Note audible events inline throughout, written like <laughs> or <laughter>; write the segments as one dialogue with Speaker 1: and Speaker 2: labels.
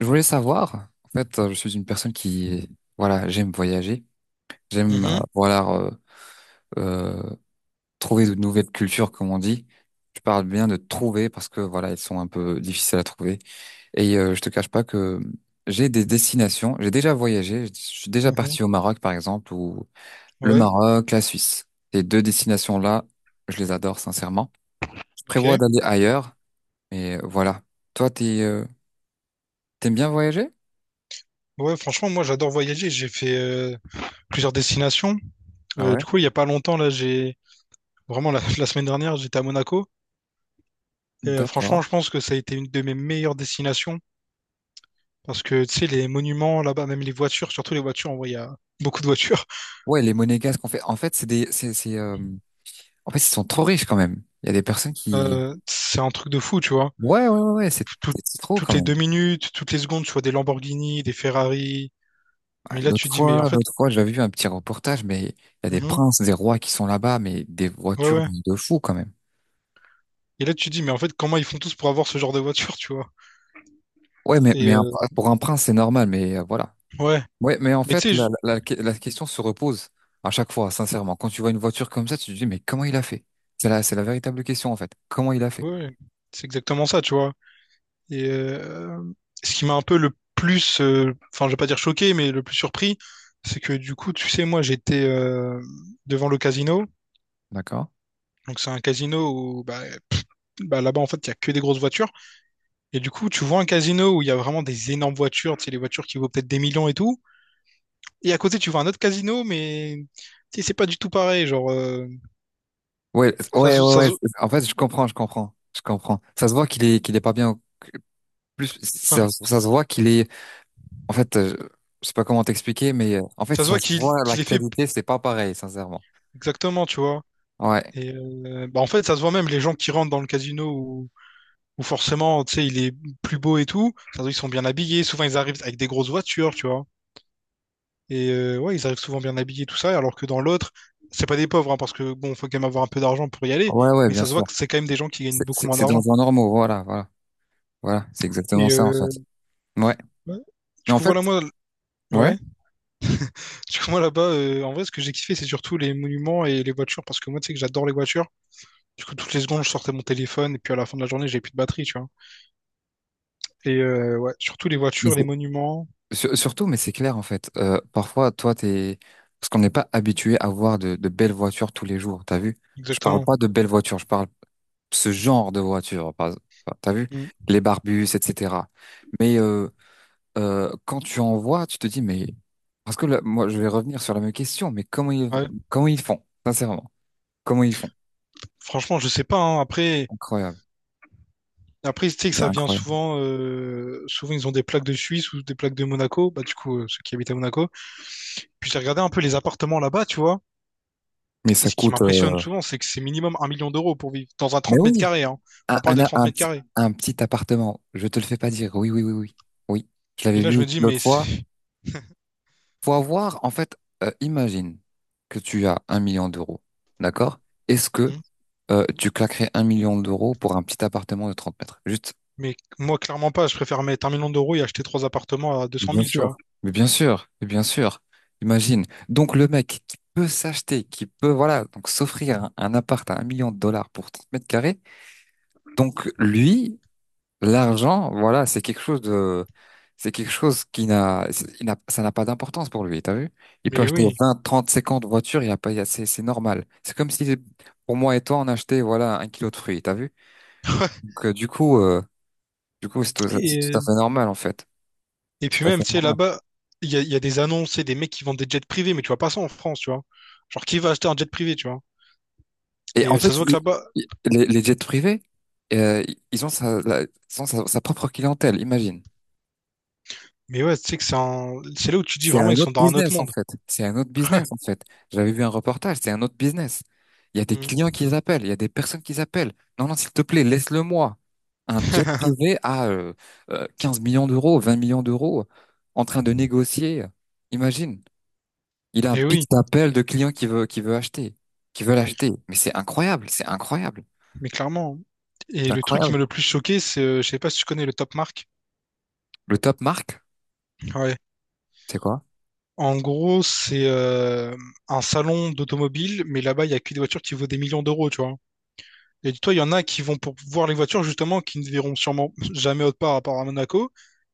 Speaker 1: Je voulais savoir, en fait, je suis une personne qui, voilà, j'aime voyager, j'aime,
Speaker 2: Mhm,
Speaker 1: voilà, euh, trouver de nouvelles cultures, comme on dit. Je parle bien de trouver parce que, voilà, elles sont un peu difficiles à trouver. Et je te cache pas que j'ai des destinations, j'ai déjà voyagé, je suis déjà
Speaker 2: mhm,
Speaker 1: parti au Maroc, par exemple, ou le
Speaker 2: ouais,
Speaker 1: Maroc, la Suisse. Ces deux destinations-là, je les adore, sincèrement. Je
Speaker 2: ok.
Speaker 1: prévois d'aller ailleurs, mais voilà. Toi, t'aimes bien voyager?
Speaker 2: Ouais, franchement, moi j'adore voyager. J'ai fait plusieurs destinations.
Speaker 1: Ah ouais.
Speaker 2: Du coup, il y a pas longtemps, là, j'ai vraiment la, <laughs> la semaine dernière, j'étais à Monaco. Et
Speaker 1: D'accord.
Speaker 2: franchement, je pense que ça a été une de mes meilleures destinations parce que tu sais, les monuments là-bas, même les voitures, surtout les voitures, en vrai, il y a beaucoup de voitures. <laughs>
Speaker 1: Ouais, les monégasques, en fait, c'est des, c'est, en fait, ils sont trop riches quand même. Il y a des personnes qui,
Speaker 2: C'est un truc de fou, tu vois.
Speaker 1: ouais, ouais, ouais, ouais, c'est
Speaker 2: Tout-
Speaker 1: c'est trop
Speaker 2: Toutes
Speaker 1: quand
Speaker 2: les
Speaker 1: même.
Speaker 2: 2 minutes, toutes les secondes, tu vois des Lamborghini, des Ferrari.
Speaker 1: Ah,
Speaker 2: Mais là,
Speaker 1: L'autre
Speaker 2: tu dis, mais
Speaker 1: fois,
Speaker 2: en fait,
Speaker 1: l'autre fois, j'avais vu un petit reportage, mais il y a des
Speaker 2: mhm,
Speaker 1: princes, des rois qui sont là-bas, mais des
Speaker 2: ouais,
Speaker 1: voitures de
Speaker 2: ouais.
Speaker 1: de fous quand même.
Speaker 2: Et là, tu dis, mais en fait, comment ils font tous pour avoir ce genre de voiture, tu vois?
Speaker 1: Ouais, mais,
Speaker 2: Et
Speaker 1: mais un- pour un prince, c'est normal, mais voilà.
Speaker 2: ouais.
Speaker 1: Ouais, mais en
Speaker 2: Mais
Speaker 1: fait,
Speaker 2: tu sais,
Speaker 1: la question se repose à chaque fois, sincèrement. Quand tu vois une voiture comme ça, tu te dis, mais comment il a fait? C'est la véritable question, en fait. Comment il a fait?
Speaker 2: ouais, c'est exactement ça, tu vois. Et ce qui m'a un peu le plus, enfin, je vais pas dire choqué, mais le plus surpris, c'est que du coup, tu sais, moi, j'étais devant le casino.
Speaker 1: D'accord?
Speaker 2: Donc, c'est un casino où, bah, pff, bah, là-bas, en fait, il y a que des grosses voitures. Et du coup, tu vois un casino où il y a vraiment des énormes voitures, tu sais, les voitures qui vaut peut-être des millions et tout. Et à côté, tu vois un autre casino, mais tu sais, c'est pas du tout pareil. Genre,
Speaker 1: Ouais,
Speaker 2: ça,
Speaker 1: ouais, ouais,
Speaker 2: se- ça,
Speaker 1: ouais.
Speaker 2: se-
Speaker 1: En fait, je comprends, je comprends, je comprends. Ça se voit qu'il est pas bien. Plus,
Speaker 2: enfin,
Speaker 1: ça se voit qu'il est. En fait, je sais pas comment t'expliquer, mais en fait,
Speaker 2: ça se
Speaker 1: ça
Speaker 2: voit
Speaker 1: se
Speaker 2: qu'il
Speaker 1: voit la
Speaker 2: qu'il est fait
Speaker 1: qualité, c'est pas pareil, sincèrement.
Speaker 2: exactement, tu vois.
Speaker 1: Ouais,
Speaker 2: Et bah en fait, ça se voit même, les gens qui rentrent dans le casino où, où forcément, tu sais, il est plus beau et tout, ça se voit qu'ils sont bien habillés, souvent ils arrivent avec des grosses voitures, tu vois. Et ouais, ils arrivent souvent bien habillés, tout ça, alors que dans l'autre, c'est pas des pauvres, hein, parce que bon, faut quand même avoir un peu d'argent pour y aller,
Speaker 1: ouais, ouais,
Speaker 2: mais
Speaker 1: bien
Speaker 2: ça se voit
Speaker 1: sûr.
Speaker 2: que c'est quand même des gens qui gagnent
Speaker 1: C'est
Speaker 2: beaucoup
Speaker 1: c'est-
Speaker 2: moins
Speaker 1: c'est dans
Speaker 2: d'argent.
Speaker 1: un normaux, voilà, voilà, voilà. C'est exactement
Speaker 2: Et
Speaker 1: ça, en fait. Ouais,
Speaker 2: ouais. Du
Speaker 1: mais en
Speaker 2: coup,
Speaker 1: fait,
Speaker 2: voilà, moi,
Speaker 1: ouais.
Speaker 2: ouais. Du coup, moi, là-bas, en vrai, ce que j'ai kiffé, c'est surtout les monuments et les voitures, parce que moi, tu sais que j'adore les voitures. Du coup, toutes les secondes, je sortais mon téléphone, et puis à la fin de la journée, j'avais plus de batterie, tu vois. Et ouais, surtout les
Speaker 1: mais
Speaker 2: voitures, les
Speaker 1: c'est-
Speaker 2: monuments,
Speaker 1: surtout, mais c'est clair, en fait. Parfois, toi, t'es parce qu'on n'est pas habitué à voir de belles voitures tous les jours. T'as vu? Je parle
Speaker 2: exactement.
Speaker 1: pas de belles voitures, je parle ce genre de voiture, par exemple. Enfin, t'as vu?
Speaker 2: Mm.
Speaker 1: Les Barbus, etc. Mais quand tu en vois, tu te dis, mais. Parce que là, moi, je vais revenir sur la même question, mais comment ils,
Speaker 2: Ouais.
Speaker 1: comment ils font? Sincèrement, comment ils font?
Speaker 2: Franchement, je sais pas, hein. Après,
Speaker 1: Incroyable.
Speaker 2: après, tu sais que
Speaker 1: C'est
Speaker 2: ça vient
Speaker 1: incroyable.
Speaker 2: souvent, souvent, ils ont des plaques de Suisse ou des plaques de Monaco. Bah, du coup, ceux qui habitent à Monaco. Puis j'ai regardé un peu les appartements là-bas, tu vois.
Speaker 1: Mais
Speaker 2: Et
Speaker 1: ça
Speaker 2: ce qui
Speaker 1: coûte.
Speaker 2: m'impressionne souvent, c'est que c'est minimum 1 million d'euros pour vivre dans un
Speaker 1: Mais
Speaker 2: trente mètres
Speaker 1: oui,
Speaker 2: carrés. hein.
Speaker 1: un,
Speaker 2: On parle de
Speaker 1: un,
Speaker 2: 30
Speaker 1: un
Speaker 2: mètres
Speaker 1: petit,
Speaker 2: carrés.
Speaker 1: un petit appartement, je te le fais pas dire. Oui, oui, oui, oui. Oui, je l'avais
Speaker 2: Et là,
Speaker 1: lu
Speaker 2: je me dis, mais
Speaker 1: l'autre fois.
Speaker 2: c'est-
Speaker 1: Faut avoir, en fait, imagine que tu as 1 million d'euros, d'accord? Est-ce que
Speaker 2: Mm.
Speaker 1: tu claquerais 1 million d'euros pour un petit appartement de 30 mètres? Juste.
Speaker 2: Mais moi, clairement pas. Je préfère mettre 1 million d'euros et acheter 3 appartements à deux
Speaker 1: Mais
Speaker 2: cent
Speaker 1: bien
Speaker 2: mille tu vois.
Speaker 1: sûr. Mais bien sûr, mais bien sûr. Imagine. Donc le mec qui peut s'acheter, qui peut, voilà, donc s'offrir un appart à 1 million de dollars pour 30 mètres carrés, donc lui, l'argent, voilà, c'est quelque chose de, c'est quelque chose qui n'a, c'est- il n'a- ça n'a pas d'importance pour lui, t'as vu? Il peut
Speaker 2: Mais
Speaker 1: acheter
Speaker 2: oui.
Speaker 1: 20, 30, 50 voitures, il y a pas, il y a- c'est normal. C'est comme si, pour moi et toi, on achetait, voilà, un kilo de fruits, t'as vu? Donc, du coup, c'est tout, c'est
Speaker 2: Et
Speaker 1: tout à fait normal, en fait.
Speaker 2: et
Speaker 1: C'est
Speaker 2: puis
Speaker 1: tout à
Speaker 2: même,
Speaker 1: fait
Speaker 2: tu sais,
Speaker 1: normal.
Speaker 2: là-bas, il y a des annonces et des mecs qui vendent des jets privés, mais tu vois pas ça en France, tu vois. Genre, qui va acheter un jet privé, tu vois?
Speaker 1: Et
Speaker 2: Et
Speaker 1: en fait,
Speaker 2: ça se voit que
Speaker 1: il-
Speaker 2: là-bas,
Speaker 1: il- les, les jets privés, euh, ils ont sa propre clientèle, imagine.
Speaker 2: mais ouais, tu sais que c'est un... c'est là où tu dis
Speaker 1: C'est un
Speaker 2: vraiment, ils sont
Speaker 1: autre
Speaker 2: dans un autre
Speaker 1: business en
Speaker 2: monde.
Speaker 1: fait. C'est un autre business en
Speaker 2: <laughs>
Speaker 1: fait. J'avais vu un reportage, c'est un autre business. Il y a des
Speaker 2: Mm.
Speaker 1: clients qui appellent, il y a des personnes qui appellent. Non, non, s'il te plaît, laisse-le moi. Un jet
Speaker 2: <laughs>
Speaker 1: privé à 15 millions d'euros, 20 millions d'euros, en train de négocier. Imagine, il a un
Speaker 2: Et
Speaker 1: pitch
Speaker 2: oui,
Speaker 1: d'appel de clients qui veulent acheter. Mais c'est incroyable, c'est incroyable,
Speaker 2: mais clairement, hein. Et
Speaker 1: c'est
Speaker 2: le truc qui
Speaker 1: incroyable.
Speaker 2: m'a le plus choqué, c'est, je sais pas si tu connais le Top Mark.
Speaker 1: Le top marque,
Speaker 2: Ouais.
Speaker 1: c'est quoi?
Speaker 2: En gros, c'est un salon d'automobile, mais là-bas, il y a que des voitures qui vaut des millions d'euros, tu vois. Et dis-toi, il y en a qui vont pour voir les voitures, justement, qui ne verront sûrement jamais autre part à part à Monaco.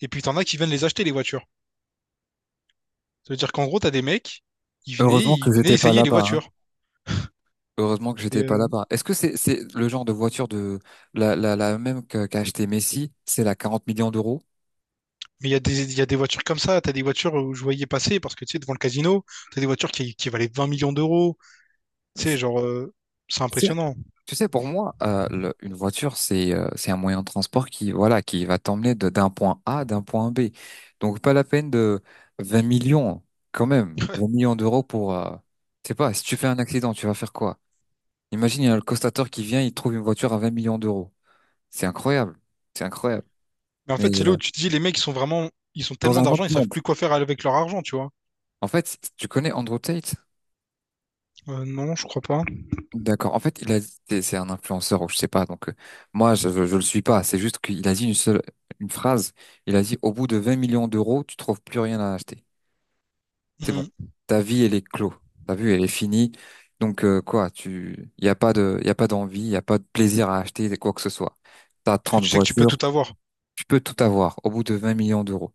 Speaker 2: Et puis, t'en as qui viennent les acheter, les voitures. Ça veut dire qu'en gros, t'as des mecs, ils venaient,
Speaker 1: Heureusement
Speaker 2: ils
Speaker 1: que
Speaker 2: venaient
Speaker 1: j'étais pas
Speaker 2: essayer les
Speaker 1: là-bas, hein.
Speaker 2: voitures.
Speaker 1: Heureusement que
Speaker 2: Et,
Speaker 1: j'étais pas là. Est-ce que c'est le genre de voiture de la même qu'a acheté Messi, c'est la 40 millions d'euros?
Speaker 2: mais il y a des, il y a des voitures comme ça. T'as des voitures où je voyais passer, parce que, tu sais, devant le casino, t'as des voitures qui valaient 20 millions d'euros. Tu
Speaker 1: Et
Speaker 2: sais,
Speaker 1: c'est-
Speaker 2: genre, c'est
Speaker 1: c'est-
Speaker 2: impressionnant.
Speaker 1: Tu sais, pour moi, une voiture c'est un moyen de transport qui voilà qui va t'emmener d'un point A à d'un point B. Donc pas la peine de 20 millions quand même. 20 millions d'euros pour je sais pas. Si tu fais un accident, tu vas faire quoi? Imagine il y a le constateur qui vient, il trouve une voiture à 20 millions d'euros. C'est incroyable, c'est incroyable.
Speaker 2: Mais en
Speaker 1: Mais
Speaker 2: fait, c'est là où tu te dis, les mecs, ils sont vraiment, ils ont
Speaker 1: dans un
Speaker 2: tellement d'argent,
Speaker 1: autre
Speaker 2: ils savent
Speaker 1: monde.
Speaker 2: plus quoi faire avec leur argent, tu vois.
Speaker 1: En fait, tu connais Andrew Tate?
Speaker 2: Non, je crois pas.
Speaker 1: D'accord. En fait, il a dit, c'est un influenceur ou je sais pas. Donc moi, je le suis pas. C'est juste qu'il a dit une phrase. Il a dit au bout de 20 millions d'euros, tu trouves plus rien à acheter. C'est bon.
Speaker 2: Mm.
Speaker 1: Ta vie, elle est clos. Ta vie, elle est finie. Donc quoi, y a pas d'envie, y a pas de plaisir à acheter quoi que ce soit. T'as
Speaker 2: Parce que
Speaker 1: 30
Speaker 2: tu sais que tu peux
Speaker 1: voitures,
Speaker 2: tout avoir.
Speaker 1: tu peux tout avoir au bout de 20 millions d'euros.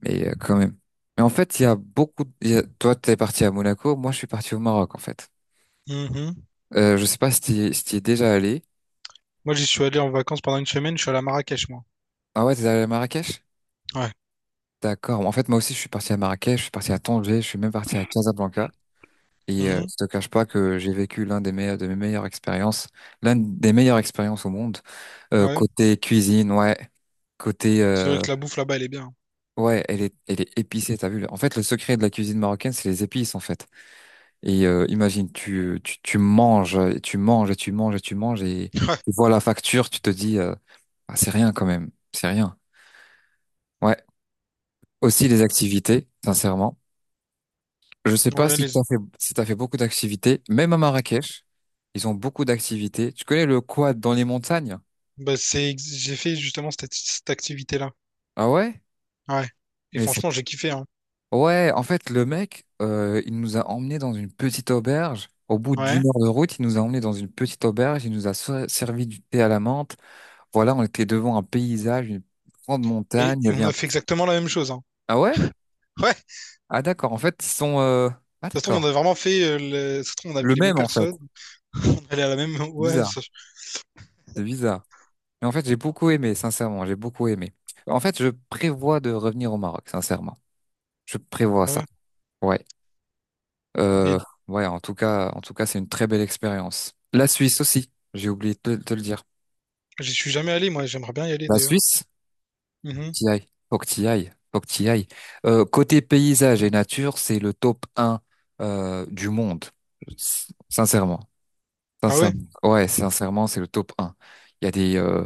Speaker 1: Mais quand même. Mais en fait, il y a beaucoup. Toi, t'es parti à Monaco. Moi, je suis parti au Maroc en fait.
Speaker 2: Mhm.
Speaker 1: Je sais pas si t'y es déjà allé.
Speaker 2: Moi, j'y suis allé en vacances pendant 1 semaine, je suis allé à Marrakech, moi.
Speaker 1: Ah ouais, t'es allé à Marrakech?
Speaker 2: Ouais.
Speaker 1: D'accord. En fait, moi aussi, je suis parti à Marrakech, je suis parti à Tanger, je suis même parti à Casablanca. Et
Speaker 2: Mhm.
Speaker 1: je te cache pas que j'ai vécu l'un des meilleurs, de mes meilleures expériences, l'une des meilleures expériences au monde. Euh,
Speaker 2: Ouais.
Speaker 1: côté cuisine, ouais. Côté,
Speaker 2: C'est vrai que la bouffe là-bas, elle est bien.
Speaker 1: ouais, elle est épicée, t'as vu. En fait, le secret de la cuisine marocaine, c'est les épices, en fait. Et imagine, tu manges, et tu manges, et tu manges, et tu manges, et
Speaker 2: Ouais.
Speaker 1: tu vois la facture, tu te dis, ah, c'est rien quand même, c'est rien. Ouais. Aussi les activités, sincèrement. Je sais pas
Speaker 2: Ouais,
Speaker 1: si
Speaker 2: les...
Speaker 1: t'as fait, si t'as fait beaucoup d'activités. Même à Marrakech, ils ont beaucoup d'activités. Tu connais le quad dans les montagnes?
Speaker 2: bah, c'est... j'ai fait justement cette, cette activité-là.
Speaker 1: Ah ouais?
Speaker 2: Ouais. Et
Speaker 1: Mais c'est-
Speaker 2: franchement, j'ai kiffé, hein.
Speaker 1: ouais, en fait, le mec, il nous a emmenés dans une petite auberge. Au bout
Speaker 2: Ouais.
Speaker 1: d'1 heure de route, il nous a emmenés dans une petite auberge. Il nous a servi du thé à la menthe. Voilà, on était devant un paysage, une grande montagne. Il y
Speaker 2: Et
Speaker 1: avait
Speaker 2: on
Speaker 1: un.
Speaker 2: a fait exactement la même chose, hein.
Speaker 1: Ah ouais?
Speaker 2: Ouais.
Speaker 1: Ah d'accord. En fait, ils sont. Ah
Speaker 2: Ça se trouve, on
Speaker 1: d'accord.
Speaker 2: a vraiment fait, ça se trouve, on a
Speaker 1: Le
Speaker 2: vu les mêmes
Speaker 1: même en fait.
Speaker 2: personnes. <laughs> On est allé à la même.
Speaker 1: C'est
Speaker 2: Ouais.
Speaker 1: bizarre.
Speaker 2: ça-
Speaker 1: C'est bizarre. Mais en fait, j'ai beaucoup aimé, sincèrement, j'ai beaucoup aimé. En fait, je prévois de revenir au Maroc, sincèrement. Je prévois
Speaker 2: Ouais.
Speaker 1: ça. Ouais. Euh,
Speaker 2: Et
Speaker 1: ouais, en tout cas, c'est une très belle expérience. La Suisse aussi, j'ai oublié de te le dire.
Speaker 2: j'y suis jamais allé, moi. J'aimerais bien y aller,
Speaker 1: La
Speaker 2: d'ailleurs.
Speaker 1: Suisse,
Speaker 2: Mhm.
Speaker 1: t'y ailles. Faut que t'y ailles. Faut que t'y ailles. Côté paysage et nature, c'est le top un du monde. Sincèrement.
Speaker 2: Ah ouais?
Speaker 1: Sincèrement. Ouais, sincèrement, c'est le top un. Il y a des,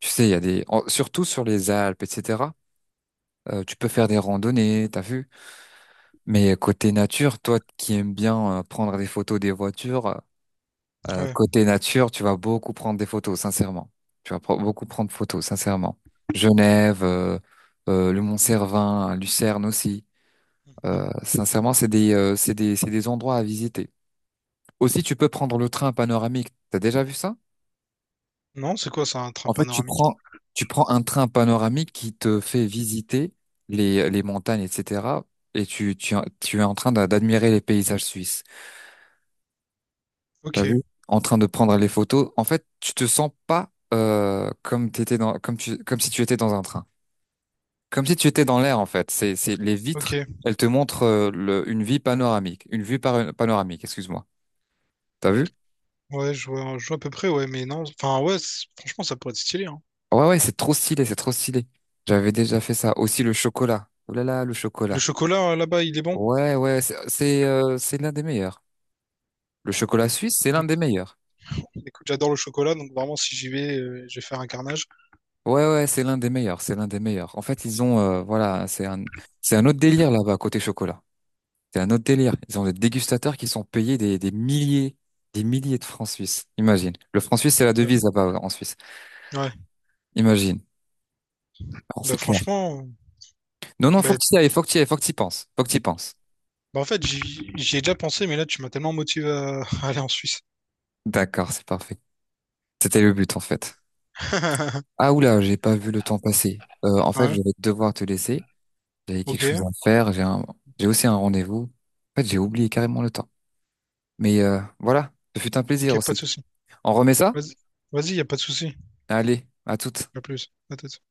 Speaker 1: tu sais, il y a des, en- surtout sur les Alpes, etc. Tu peux faire des randonnées, t'as vu? Mais côté nature, toi qui aimes bien prendre des photos des voitures,
Speaker 2: Ouais.
Speaker 1: côté nature, tu vas beaucoup prendre des photos, sincèrement. Tu vas beaucoup prendre photos, sincèrement. Genève, le Mont-Cervin, Lucerne aussi.
Speaker 2: Mhm.
Speaker 1: Sincèrement, c'est des endroits à visiter. Aussi, tu peux prendre le train panoramique. T'as déjà vu ça?
Speaker 2: Non, c'est quoi ça, un train
Speaker 1: En fait, tu
Speaker 2: panoramique?
Speaker 1: prends, tu prends un train panoramique qui te fait visiter les montagnes, etc. Et tu es en train d'admirer les paysages suisses. T'as vu?
Speaker 2: Ok.
Speaker 1: En train de prendre les photos. En fait, tu te sens pas comme t'étais dans, comme tu, comme si tu étais dans un train. Comme si tu étais dans l'air, en fait. C'est les vitres.
Speaker 2: Ok.
Speaker 1: Elles te montrent une vie panoramique, une vue panoramique. Excuse-moi. T'as vu?
Speaker 2: Ouais, je vois à peu près, ouais, mais non. Enfin, ouais, c'est- franchement, ça pourrait être stylé, hein.
Speaker 1: Ouais, ouais, c'est trop stylé, c'est trop stylé. J'avais déjà fait ça. Aussi le chocolat. Oh là là, le
Speaker 2: Le
Speaker 1: chocolat.
Speaker 2: chocolat, là-bas, il est bon.
Speaker 1: Ouais, ouais, c'est l'un des meilleurs. Le chocolat suisse, c'est
Speaker 2: Mais
Speaker 1: l'un des
Speaker 2: écoute,
Speaker 1: meilleurs.
Speaker 2: écoute, j'adore le chocolat, donc vraiment, si j'y vais, je vais faire un carnage.
Speaker 1: Ouais, ouais, c'est l'un des meilleurs, c'est l'un des meilleurs. En fait, ils ont, voilà, c'est un autre délire là-bas côté chocolat. C'est un autre délire. Ils ont des dégustateurs qui sont payés des milliers, des milliers de francs suisses. Imagine. Le franc suisse, c'est la
Speaker 2: Ouais.
Speaker 1: devise là-bas en Suisse.
Speaker 2: Ouais.
Speaker 1: Imagine. Ah, c'est
Speaker 2: Bah,
Speaker 1: clair.
Speaker 2: franchement,
Speaker 1: Non, non, faut
Speaker 2: bah,
Speaker 1: que tu y ailles, faut que tu y ailles, faut que tu y penses, faut que tu y penses.
Speaker 2: bah, en fait, j'y ai déjà pensé, mais là, tu m'as tellement motivé à, <laughs> à aller en Suisse.
Speaker 1: D'accord, c'est parfait. C'était le but en fait.
Speaker 2: <laughs>
Speaker 1: Ah oula, j'ai pas vu le temps passer. En fait, je
Speaker 2: Ouais,
Speaker 1: vais devoir te laisser. J'avais
Speaker 2: ok,
Speaker 1: quelque chose à faire. J'ai aussi un rendez-vous. En fait, j'ai oublié carrément le temps. Mais voilà, ce fut un plaisir
Speaker 2: ok, pas
Speaker 1: aussi.
Speaker 2: de souci.
Speaker 1: On remet ça?
Speaker 2: Vas-y, vas-y, y a pas de souci.
Speaker 1: Allez, à toutes.
Speaker 2: À plus. À toute.